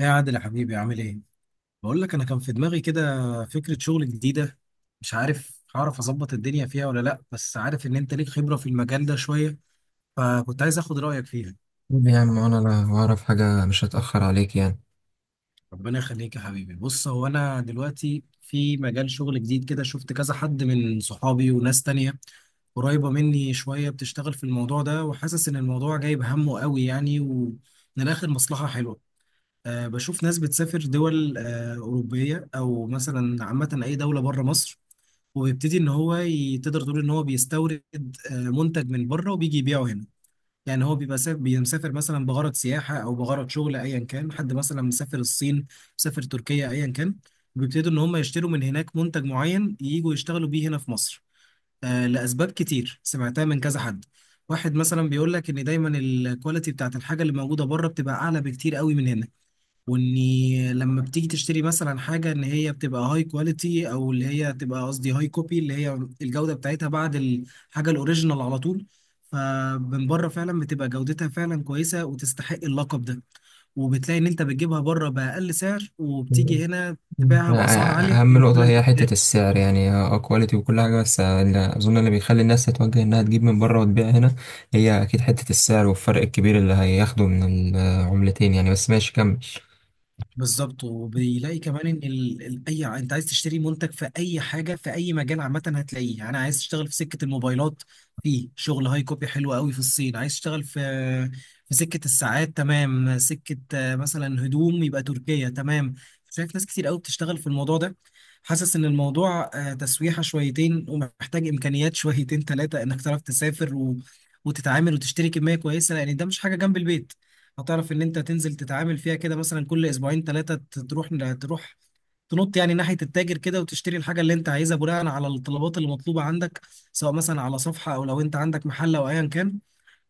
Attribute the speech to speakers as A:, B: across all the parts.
A: يا عادل يا حبيبي عامل ايه؟ بقول لك انا كان في دماغي كده فكرة شغل جديدة. مش عارف هعرف اظبط الدنيا فيها ولا لا، بس عارف ان انت ليك خبرة في المجال ده شوية، فكنت عايز اخد رأيك فيها.
B: قول يا عم، انا لا اعرف حاجة مش هتأخر عليك يعني.
A: ربنا يخليك يا حبيبي. بص، هو انا دلوقتي في مجال شغل جديد كده، شفت كذا حد من صحابي وناس تانية قريبة مني شوية بتشتغل في الموضوع ده، وحاسس إن الموضوع جايب همه قوي يعني، ومن الآخر مصلحة حلوة. بشوف ناس بتسافر دول أوروبية، أو مثلا عامة أي دولة بره مصر، وبيبتدي ان هو تقدر تقول ان هو بيستورد منتج من بره وبيجي يبيعه هنا. يعني هو بيبقى مسافر مثلا بغرض سياحه او بغرض شغل ايا كان، حد مثلا مسافر الصين، مسافر تركيا، ايا كان، بيبتدوا ان هم يشتروا من هناك منتج معين ييجوا يشتغلوا بيه هنا في مصر. لاسباب كتير سمعتها من كذا حد. واحد مثلا بيقول لك ان دايما الكواليتي بتاعت الحاجه اللي موجوده بره بتبقى اعلى بكتير قوي من هنا، واني لما بتيجي تشتري مثلا حاجه ان هي بتبقى هاي كواليتي، او اللي هي تبقى قصدي هاي كوبي اللي هي الجوده بتاعتها بعد الحاجه الاوريجينال على طول. فمن بره فعلا بتبقى جودتها فعلا كويسه وتستحق اللقب ده، وبتلاقي ان انت بتجيبها بره باقل سعر
B: مم.
A: وبتيجي هنا
B: مم. أ-
A: تبيعها باسعار عاليه.
B: اهم نقطة هي حتة السعر، يعني اه كواليتي وكل حاجة، بس اللي اظن اللي بيخلي الناس تتوجه انها تجيب من بره وتبيع هنا هي اكيد حتة السعر والفرق الكبير اللي هياخده من العملتين يعني. بس ماشي، كمل.
A: بالظبط، وبيلاقي كمان ان انت عايز تشتري منتج في اي حاجه في اي مجال عامه هتلاقيه. يعني انا عايز اشتغل في سكه الموبايلات، في شغل هاي كوبي حلو قوي في الصين. عايز اشتغل في سكه الساعات، تمام. سكه مثلا هدوم، يبقى تركيا، تمام. شايف ناس كتير قوي بتشتغل في الموضوع ده. حاسس ان الموضوع تسويحه شويتين ومحتاج امكانيات شويتين ثلاثه، انك تعرف تسافر وتتعامل وتشتري كميه كويسه، لان ده مش حاجه جنب البيت هتعرف ان انت تنزل تتعامل فيها كده مثلا كل اسبوعين ثلاثه. تروح تروح تنط يعني ناحيه التاجر كده وتشتري الحاجه اللي انت عايزها بناء على الطلبات اللي مطلوبه عندك، سواء مثلا على صفحه او لو انت عندك محل او ايا كان.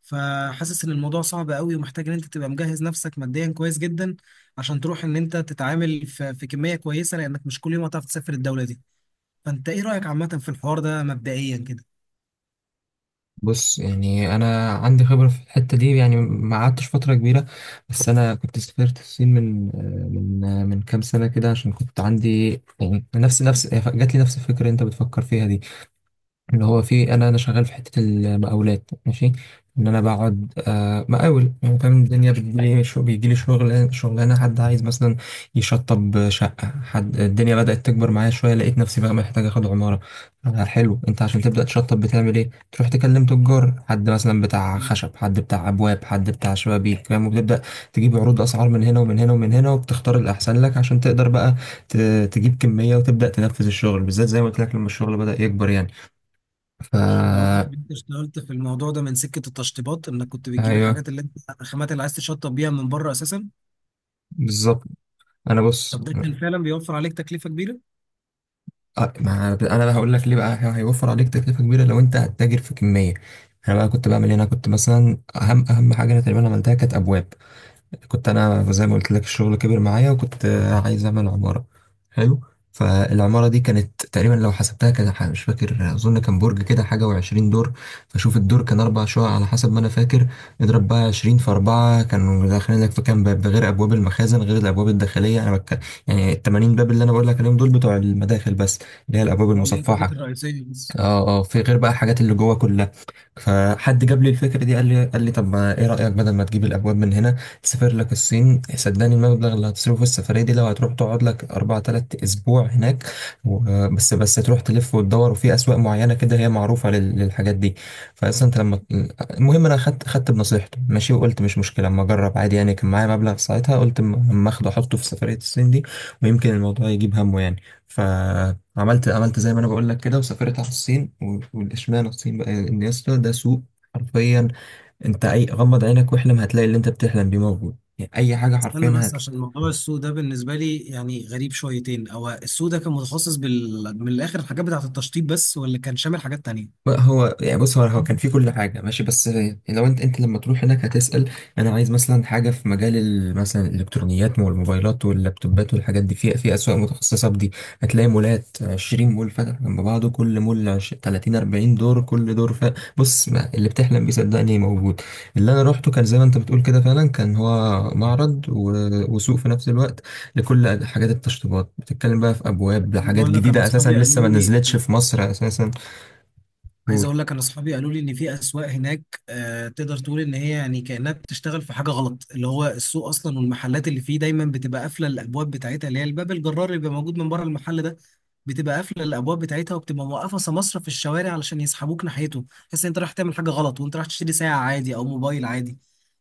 A: فحاسس ان الموضوع صعب قوي ومحتاج ان انت تبقى مجهز نفسك ماديا كويس جدا، عشان تروح ان انت تتعامل في كميه كويسه، لانك مش كل يوم هتعرف تسافر الدوله دي. فانت ايه رايك عامه في الحوار ده مبدئيا كده؟
B: بص، يعني انا عندي خبرة في الحتة دي يعني، ما قعدتش فترة كبيرة، بس انا كنت سافرت الصين من كام سنة كده، عشان كنت عندي يعني نفس نفس جات لي نفس الفكرة اللي انت بتفكر فيها دي. اللي هو في، انا شغال في حته المقاولات، ماشي. ان انا بقعد آه، مقاول يعني، فاهم. الدنيا بتجيلي، شو بيجيلي شغل، شغلانه حد عايز مثلا يشطب شقه، حد الدنيا بدات تكبر معايا شويه، لقيت نفسي بقى محتاج اخد عماره. آه حلو، انت عشان تبدا تشطب بتعمل ايه؟ تروح تكلم تجار، حد مثلا بتاع خشب، حد بتاع ابواب، حد بتاع شبابيك فاهم، وبتبدا تجيب عروض اسعار من هنا ومن هنا ومن هنا، وبتختار الاحسن لك عشان تقدر بقى ت- تجيب كميه وتبدا تنفذ الشغل، بالذات زي ما قلت لك لما الشغل بدا يكبر يعني.
A: انت
B: فا
A: قصدك ان انت اشتغلت في الموضوع ده من سكه التشطيبات، انك كنت بتجيب
B: ايوه
A: الحاجات اللي انت الخامات اللي عايز تشطب بيها من بره اساسا؟
B: بالظبط. انا بص،
A: طب ده كان فعلا بيوفر عليك تكلفه كبيره؟
B: ما انا بقى هقول لك ليه بقى، هيوفر عليك تكلفه كبيره لو انت هتتاجر في كميه. انا بقى كنت بعمل هنا، كنت مثلا اهم حاجه انا تقريبا عملتها كانت ابواب. كنت انا زي ما قلت لك الشغل كبر معايا، وكنت عايز اعمل عمارة. حلو. فالعمارة دي كانت تقريبا لو حسبتها كده، مش فاكر، اظن كان برج كده حاجة وعشرين دور. فشوف، الدور كان اربع شقق على حسب ما انا فاكر. اضرب بقى عشرين في اربعة، كانوا داخلين لك في كام باب؟ ده غير ابواب المخازن، غير الابواب الداخلية، يعني التمانين باب اللي انا بقول لك عليهم دول بتوع المداخل بس، اللي هي الابواب
A: ولا ايه، الحاجات
B: المصفحة.
A: الرئيسيه بس؟
B: اه اه، في غير بقى الحاجات اللي جوه كلها. فحد جاب لي الفكره دي، قال لي طب، ما ايه رايك بدل ما تجيب الابواب من هنا، تسافر لك الصين؟ صدقني، المبلغ اللي هتصرفه في السفريه دي، لو هتروح تقعد لك اربع تلات اسبوع هناك بس تروح تلف وتدور، وفي اسواق معينه كده هي معروفه للحاجات دي. فاصلا انت لما، المهم انا خدت بنصيحته، ماشي. وقلت مش مشكله اما اجرب عادي يعني، كان معايا مبلغ ساعتها قلت اما اخده احطه في سفريه الصين دي، ويمكن الموضوع يجيب همه يعني. ف عملت زي ما انا بقول لك كده، وسافرت على الصين. والاشمعنى الصين بقى؟ ان يا اسطى، ده سوق حرفيا. انت اي غمض عينك واحلم، هتلاقي اللي انت بتحلم بيه موجود يعني، اي حاجه
A: استنى
B: حرفيا.
A: بس، عشان موضوع السوق ده بالنسبه لي يعني غريب شويتين. هو السوق ده كان متخصص من الاخر الحاجات بتاعه التشطيب بس، ولا كان شامل حاجات تانية؟
B: بقى هو يعني، بص، هو كان في كل حاجة ماشي، بس لو انت لما تروح هناك، هتسأل انا عايز مثلا حاجة في مجال مثلا الالكترونيات والموبايلات واللابتوبات والحاجات دي، في اسواق متخصصة بدي. هتلاقي مولات، 20 مول فاتح جنب بعضه، كل مول 30 40 دور، كل دور بص، ما اللي بتحلم بيه صدقني موجود. اللي انا روحته كان زي ما انت بتقول كده، فعلا كان هو معرض وسوق في نفس الوقت لكل حاجات التشطيبات. بتتكلم بقى في ابواب
A: عايز
B: لحاجات
A: اقول لك انا
B: جديدة، اساسا
A: اصحابي قالوا
B: لسه ما
A: لي
B: نزلتش في مصر اساسا.
A: عايز اقول لك انا اصحابي قالوا لي ان في اسواق هناك آه، تقدر تقول ان هي يعني كانها بتشتغل في حاجه غلط، اللي هو السوق اصلا والمحلات اللي فيه دايما بتبقى قافله الابواب بتاعتها، اللي هي الباب الجرار اللي بيبقى موجود من بره المحل ده، بتبقى قافله الابواب بتاعتها، وبتبقى موقفه سماسره في الشوارع علشان يسحبوك ناحيته، تحس ان انت رايح تعمل حاجه غلط وانت رايح تشتري ساعه عادي او موبايل عادي.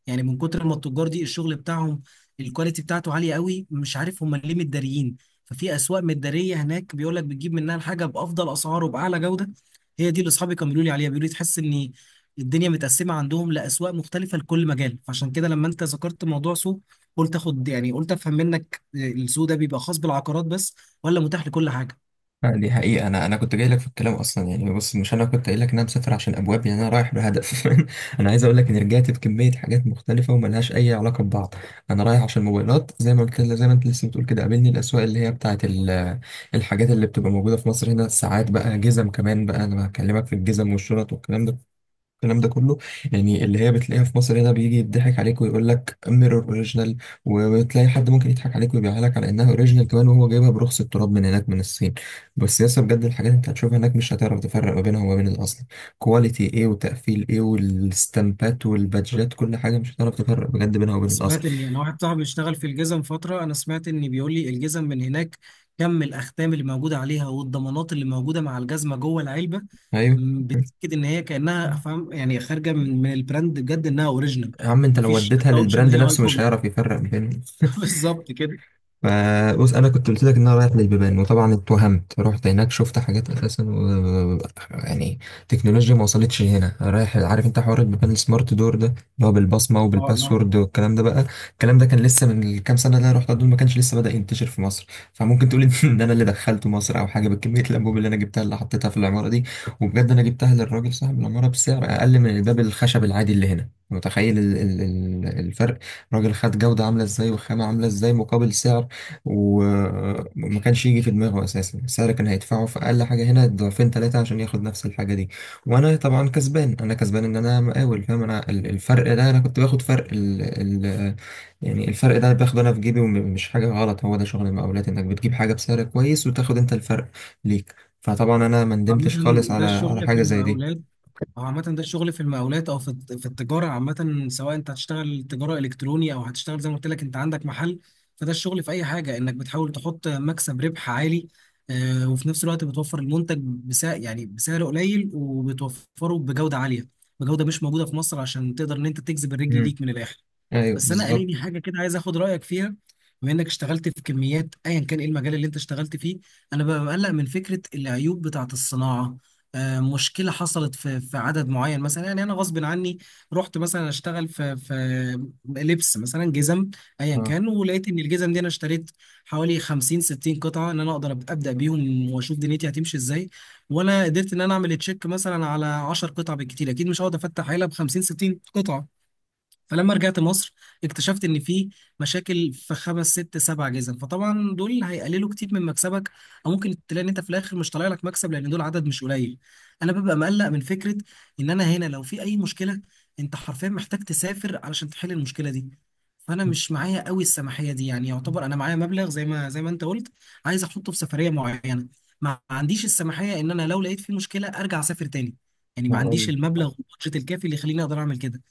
A: يعني من كتر ما التجار دي الشغل بتاعهم الكواليتي بتاعته عاليه قوي، مش عارف هم ليه متداريين. ففي اسواق متداريه هناك بيقول لك بتجيب منها الحاجه بافضل اسعار وباعلى جوده. هي دي اللي اصحابي كانوا بيقولوا لي عليها. بيقولوا لي تحس ان الدنيا متقسمه عندهم لاسواق مختلفه لكل مجال. فعشان كده لما انت ذكرت موضوع سوق، قلت اخد يعني قلت افهم منك، السوق ده بيبقى خاص بالعقارات بس، ولا متاح لكل حاجه؟
B: آه، دي حقيقة. أنا كنت جاي لك في الكلام أصلا يعني، بص، مش أنا كنت قايل لك إن أنا مسافر عشان أبواب، يعني أنا رايح بهدف. أنا عايز أقول لك إني رجعت بكمية حاجات مختلفة وملهاش أي علاقة ببعض. أنا رايح عشان موبايلات، زي ما قلت، زي ما أنت لسه بتقول كده، قابلني الأسواق اللي هي بتاعة الحاجات اللي بتبقى موجودة في مصر هنا. الساعات بقى، جزم كمان بقى، أنا بكلمك في الجزم والشنط والكلام ده، الكلام ده كله. يعني اللي هي بتلاقيها في مصر هنا، بيجي يضحك عليك ويقول لك ميرور اوريجينال، وبتلاقي حد ممكن يضحك عليك ويبيعها لك على انها اوريجينال كمان، وهو جايبها برخص التراب من هناك من الصين. بس يس بجد، الحاجات اللي انت هتشوفها هناك مش هتعرف تفرق ما بينها وما بين الاصل. كواليتي ايه، وتقفيل ايه، والستامبات والبادجات، كل حاجه مش هتعرف تفرق بجد بينها وبين الاصل.
A: سمعت ان انا واحد صاحبي بيشتغل في الجزم فتره، انا سمعت ان بيقول لي الجزم من هناك كم الاختام اللي موجوده عليها والضمانات اللي موجوده مع الجزمه جوه العلبه،
B: ايوه.
A: بتاكد ان هي كانها فاهم يعني خارجه من البراند بجد انها اوريجينال.
B: يا عم، انت لو
A: مفيش
B: وديتها
A: حتى اوبشن ان
B: للبراند
A: هي هاي
B: نفسه مش
A: كوبي.
B: هيعرف يفرق ما بينهم.
A: بالظبط كده.
B: آه، بص، انا كنت قلت لك ان انا رايح للبيبان، وطبعا اتوهمت، رحت هناك شفت حاجات اساسا يعني، تكنولوجيا ما وصلتش هنا. رايح عارف انت حوار البيبان السمارت دور ده، اللي هو بالبصمه
A: اه،
B: وبالباسورد والكلام ده بقى. الكلام ده كان لسه من كام سنه، اللي انا رحت دول ما كانش لسه بدأ ينتشر في مصر. فممكن تقول ان انا اللي دخلته مصر، او حاجه، بكميه الانبوب اللي انا جبتها اللي حطيتها في العماره دي. وبجد انا جبتها للراجل صاحب العماره بسعر اقل من الباب الخشب العادي اللي هنا. متخيل الفرق؟ راجل خد جودة عاملة ازاي وخامة عاملة ازاي مقابل سعر. وما كانش يجي في دماغه اساسا، السعر كان هيدفعه في اقل حاجه هنا ضعفين ثلاثه عشان ياخد نفس الحاجه دي. وانا طبعا كسبان، انا كسبان ان انا مقاول، فاهم. انا الفرق ده، انا كنت باخد فرق ال ال يعني الفرق ده باخده انا في جيبي، ومش حاجه غلط. هو ده شغل المقاولات، انك بتجيب حاجه بسعر كويس، وتاخد انت الفرق ليك. فطبعا انا ما
A: عامة
B: ندمتش خالص
A: ده
B: على
A: الشغل في
B: حاجه زي
A: المقاولات.
B: دي.
A: أو عامة ده الشغل في المقاولات، أو في في التجارة عامة، سواء أنت هتشتغل تجارة إلكتروني أو هتشتغل زي ما قلت لك أنت عندك محل. فده الشغل في أي حاجة، إنك بتحاول تحط مكسب ربح عالي، وفي نفس الوقت بتوفر المنتج بسعر يعني بسعر قليل، وبتوفره بجودة عالية، بجودة مش موجودة في مصر، عشان تقدر إن أنت تجذب الرجل
B: امم.
A: ليك من الآخر.
B: ايوه
A: بس انا
B: بالظبط.
A: قاليني حاجه كده عايز اخد رايك فيها. بما انك اشتغلت في كميات ايا كان ايه المجال اللي انت اشتغلت فيه، انا ببقى مقلق من فكره العيوب بتاعه الصناعه. مشكله حصلت في عدد معين مثلا. يعني انا غصب عني رحت مثلا اشتغل في لبس مثلا جزم، ايا
B: اه.
A: كان، ولقيت ان الجزم دي انا اشتريت حوالي 50 60 قطعه، ان انا اقدر ابدا بيهم واشوف دنيتي هتمشي ازاي. وانا قدرت ان انا اعمل تشيك مثلا على 10 قطع بالكتير، اكيد مش هقعد افتح عيله ب 50 60 قطعه. فلما رجعت مصر اكتشفت ان في مشاكل في خمس ست سبع جزم، فطبعا دول هيقللوا كتير من مكسبك، او ممكن تلاقي ان انت في الاخر مش طالع لك مكسب لان دول عدد مش قليل. انا ببقى مقلق من فكره ان انا هنا لو في اي مشكله انت حرفيا محتاج تسافر علشان تحل المشكله دي. فانا مش معايا قوي السماحيه دي، يعني يعتبر انا معايا مبلغ زي ما انت قلت عايز احطه في سفريه معينه، ما عنديش السماحيه ان انا لو لقيت في مشكله ارجع اسافر تاني. يعني ما عنديش
B: هقول
A: المبلغ والبادجت الكافي اللي يخليني اقدر اعمل كده.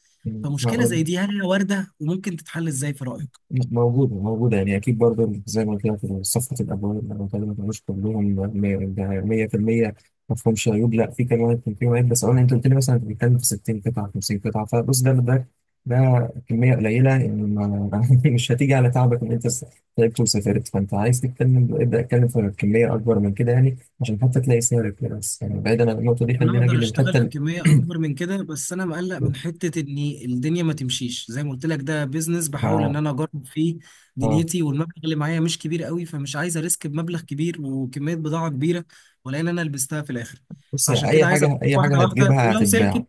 A: فمشكلة زي
B: هقول.
A: دي هل هي واردة وممكن تتحل ازاي في رأيك؟
B: موجودة موجودة يعني، أكيد برضه، زي ما قلت لك في صفحة الأبواب، أنا بكلمك مش كلهم، ده 100% ما فيهمش عيوب. لا، في كمان كان في عيب، بس أنا أنت قلت لي مثلا، أنت بتتكلم في 60 قطعة 50 قطعة، فبص، ده كمية قليلة يعني، ما مش هتيجي على تعبك إن أنت تعبت وسافرت. فأنت عايز تتكلم، ابدأ اتكلم في كمية أكبر من كده يعني عشان حتى تلاقي سعر كويس. يعني بعيدا عن النقطة دي،
A: انا
B: خلينا نجي
A: اقدر اشتغل
B: للحتة
A: في كمية اكبر من كده، بس انا مقلق من حتة ان الدنيا ما تمشيش. زي ما قلت لك، ده بيزنس بحاول ان
B: ما-
A: انا اجرب فيه
B: آه.
A: دنيتي، والمبلغ اللي معايا مش كبير قوي، فمش عايز اريسك بمبلغ كبير وكمية بضاعة كبيرة ولا ان انا لبستها في الاخر.
B: بص،
A: فعشان
B: أي
A: كده عايز اجرب
B: حاجة، أي
A: واحدة
B: حاجة
A: واحدة،
B: هتجيبها
A: ولو
B: هتتباع.
A: سلكت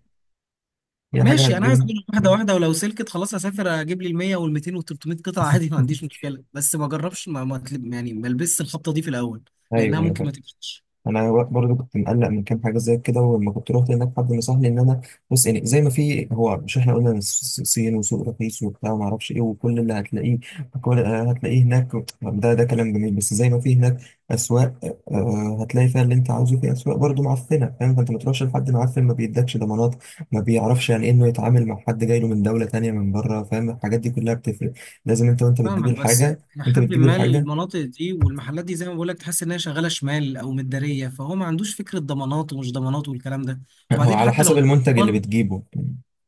B: أي حاجة
A: ماشي. انا عايز
B: هتجيبها.
A: اجرب واحدة واحدة، ولو سلكت خلاص اسافر اجيب لي ال 100 وال 200 وال 300 قطعة، عادي ما عنديش مشكلة. بس ما اجربش، ما ما أتلب- يعني ما البسش الخبطة دي في الاول، لانها
B: ايوه ايوه
A: ممكن
B: فاهم.
A: ما تمشيش.
B: انا برضو كنت مقلق من كام حاجه زي كده، ولما كنت رحت هناك حد نصحني ان انا، بص يعني، زي ما في، هو مش احنا قلنا إن الصين وسوق رخيص وبتاع وما اعرفش ايه، وكل اللي هتلاقيه، كل آه، هتلاقيه هناك. ده كلام جميل، بس زي ما في هناك اسواق، آه، هتلاقي فيها اللي انت عاوزه، في اسواق برضو معفنه فاهم. فانت ما تروحش لحد معفن ما بيدكش ضمانات، ما بيعرفش يعني إيه انه يتعامل مع حد جاي له من دوله تانيه من بره فاهم. الحاجات دي كلها بتفرق. لازم انت، وانت بتجيب
A: فاهمك، بس
B: الحاجه، انت
A: لحد
B: بتجيب
A: ما
B: الحاجه،
A: المناطق دي والمحلات دي زي ما بقول لك تحس انها شغاله شمال او مداريه، فهو ما عندوش فكره ضمانات ومش ضمانات والكلام ده.
B: هو
A: وبعدين
B: على
A: حتى
B: حسب
A: لو
B: المنتج اللي
A: ضمان،
B: بتجيبه.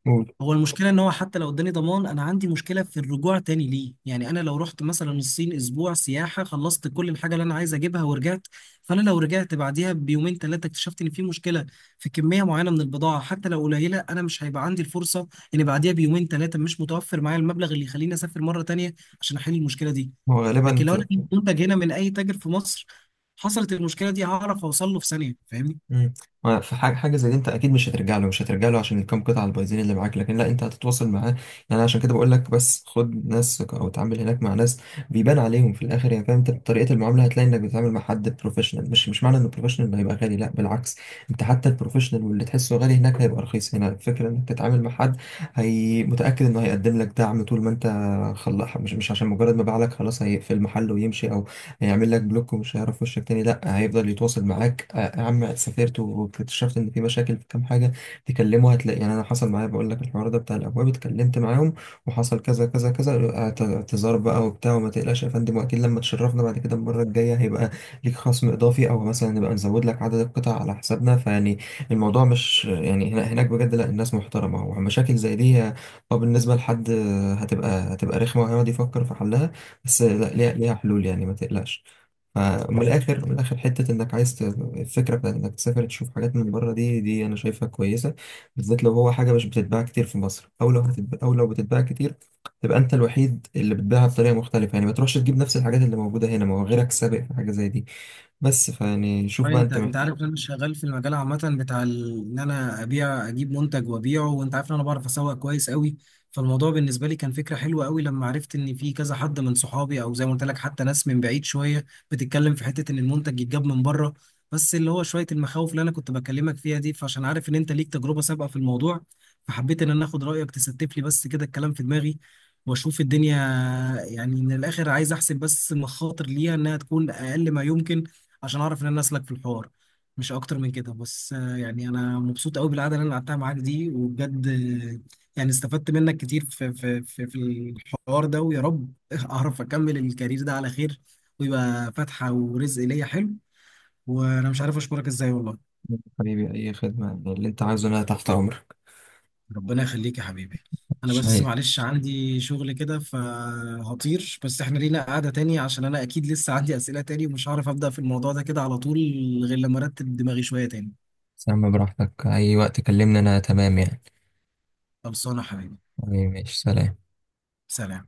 B: قول.
A: هو المشكلة ان هو حتى لو اداني ضمان انا عندي مشكلة في الرجوع تاني ليه. يعني انا لو رحت مثلا الصين اسبوع سياحة، خلصت كل الحاجة اللي انا عايز اجيبها ورجعت، فانا لو رجعت بعديها بيومين ثلاثة اكتشفت ان في مشكلة في كمية معينة من البضاعة حتى لو قليلة، انا مش هيبقى عندي الفرصة ان بعديها بيومين ثلاثة مش متوفر معايا المبلغ اللي يخليني اسافر مرة تانية عشان احل المشكلة دي.
B: هو غالبا
A: لكن لو
B: في.
A: انا جبت منتج هنا من اي تاجر في مصر حصلت المشكلة دي، هعرف اوصل له في ثانية، فاهمني؟
B: مم. ما في حاجة زي دي، انت اكيد مش هترجع له، مش هترجع له عشان الكام قطعة البايظين اللي معاك، لكن لا، انت هتتواصل معاه. يعني عشان كده بقول لك، بس خد ناس او اتعامل هناك مع ناس بيبان عليهم في الاخر يعني، فاهم. انت طريقة المعاملة هتلاقي انك بتتعامل مع حد بروفيشنال، مش معنى ان البروفيشنال هيبقى غالي، لا بالعكس، انت حتى البروفيشنال واللي تحسه غالي هناك هيبقى رخيص هنا. الفكرة انك تتعامل مع حد هي متأكد انه هيقدم لك دعم طول ما انت خلص، مش عشان مجرد ما باع لك خلاص هيقفل المحل ويمشي، هيعمل لك بلوك ومش هيعرف وشك تاني. لا، هيفضل يتواصل معاك، آه، يا عم سافرت واكتشفت ان في مشاكل في كام حاجه، تكلمه هتلاقي يعني. انا حصل معايا، بقول لك الحوار ده بتاع الابواب، اتكلمت معاهم وحصل كذا كذا كذا، اعتذار بقى وبتاع، وما تقلقش يا فندم، واكيد لما تشرفنا بعد كده المره الجايه هيبقى ليك خصم اضافي، او مثلا نبقى نزود لك عدد القطع على حسابنا، فيعني الموضوع مش يعني هناك بجد، لا الناس محترمه. ومشاكل زي دي اه، بالنسبه لحد هتبقى رخمه وهيقعد يفكر في حلها، بس لا، ليها حلول يعني، ما تقلقش. فمن الاخر، من الاخر، حته انك عايز الفكره بتاعت انك تسافر تشوف حاجات من بره، دي انا شايفها كويسه. بالذات لو هو حاجه مش بتتباع كتير في مصر، او لو هتتباع، او لو بتتباع كتير، تبقى انت الوحيد اللي بتبيعها بطريقه مختلفه يعني. ما تروحش تجيب نفس الحاجات اللي موجوده هنا، ما هو غيرك سابق في حاجه زي دي بس. فيعني شوف
A: طيب،
B: بقى،
A: انت
B: انت
A: انت
B: محتاج.
A: عارف ان انا شغال في المجال عامه بتاع ان انا ابيع اجيب منتج وابيعه، وانت عارف ان انا بعرف اسوق كويس قوي. فالموضوع بالنسبه لي كان فكره حلوه قوي لما عرفت ان في كذا حد من صحابي، او زي ما قلت لك حتى ناس من بعيد شويه بتتكلم في حته ان المنتج يتجاب من بره. بس اللي هو شويه المخاوف اللي انا كنت بكلمك فيها دي، فعشان عارف ان انت ليك تجربه سابقه في الموضوع، فحبيت ان انا اخد رايك تستف لي بس كده الكلام في دماغي واشوف الدنيا. يعني من الاخر عايز احسب بس المخاطر ليها انها تكون اقل ما يمكن، عشان اعرف ان انا اسلك في الحوار، مش اكتر من كده. بس يعني انا مبسوط قوي بالقعده اللي انا قعدتها معاك دي، وبجد يعني استفدت منك كتير في الحوار ده، ويا رب اعرف اكمل الكارير ده على خير، ويبقى فاتحه ورزق ليا حلو. وانا مش عارف اشكرك ازاي والله.
B: حبيبي، اي خدمه، اللي انت عايزه انا تحت امرك.
A: ربنا يخليك يا حبيبي. انا بس
B: شيء.
A: معلش عندي شغل كده فهطير، بس احنا لينا قعده تاني، عشان انا اكيد لسه عندي اسئله تاني ومش هعرف ابدا في الموضوع ده كده على طول غير لما ارتب دماغي شويه تاني.
B: سام براحتك، اي وقت كلمني انا تمام يعني.
A: خلصانه يا حبيبي.
B: حبيبي، ماشي، سلام.
A: سلام.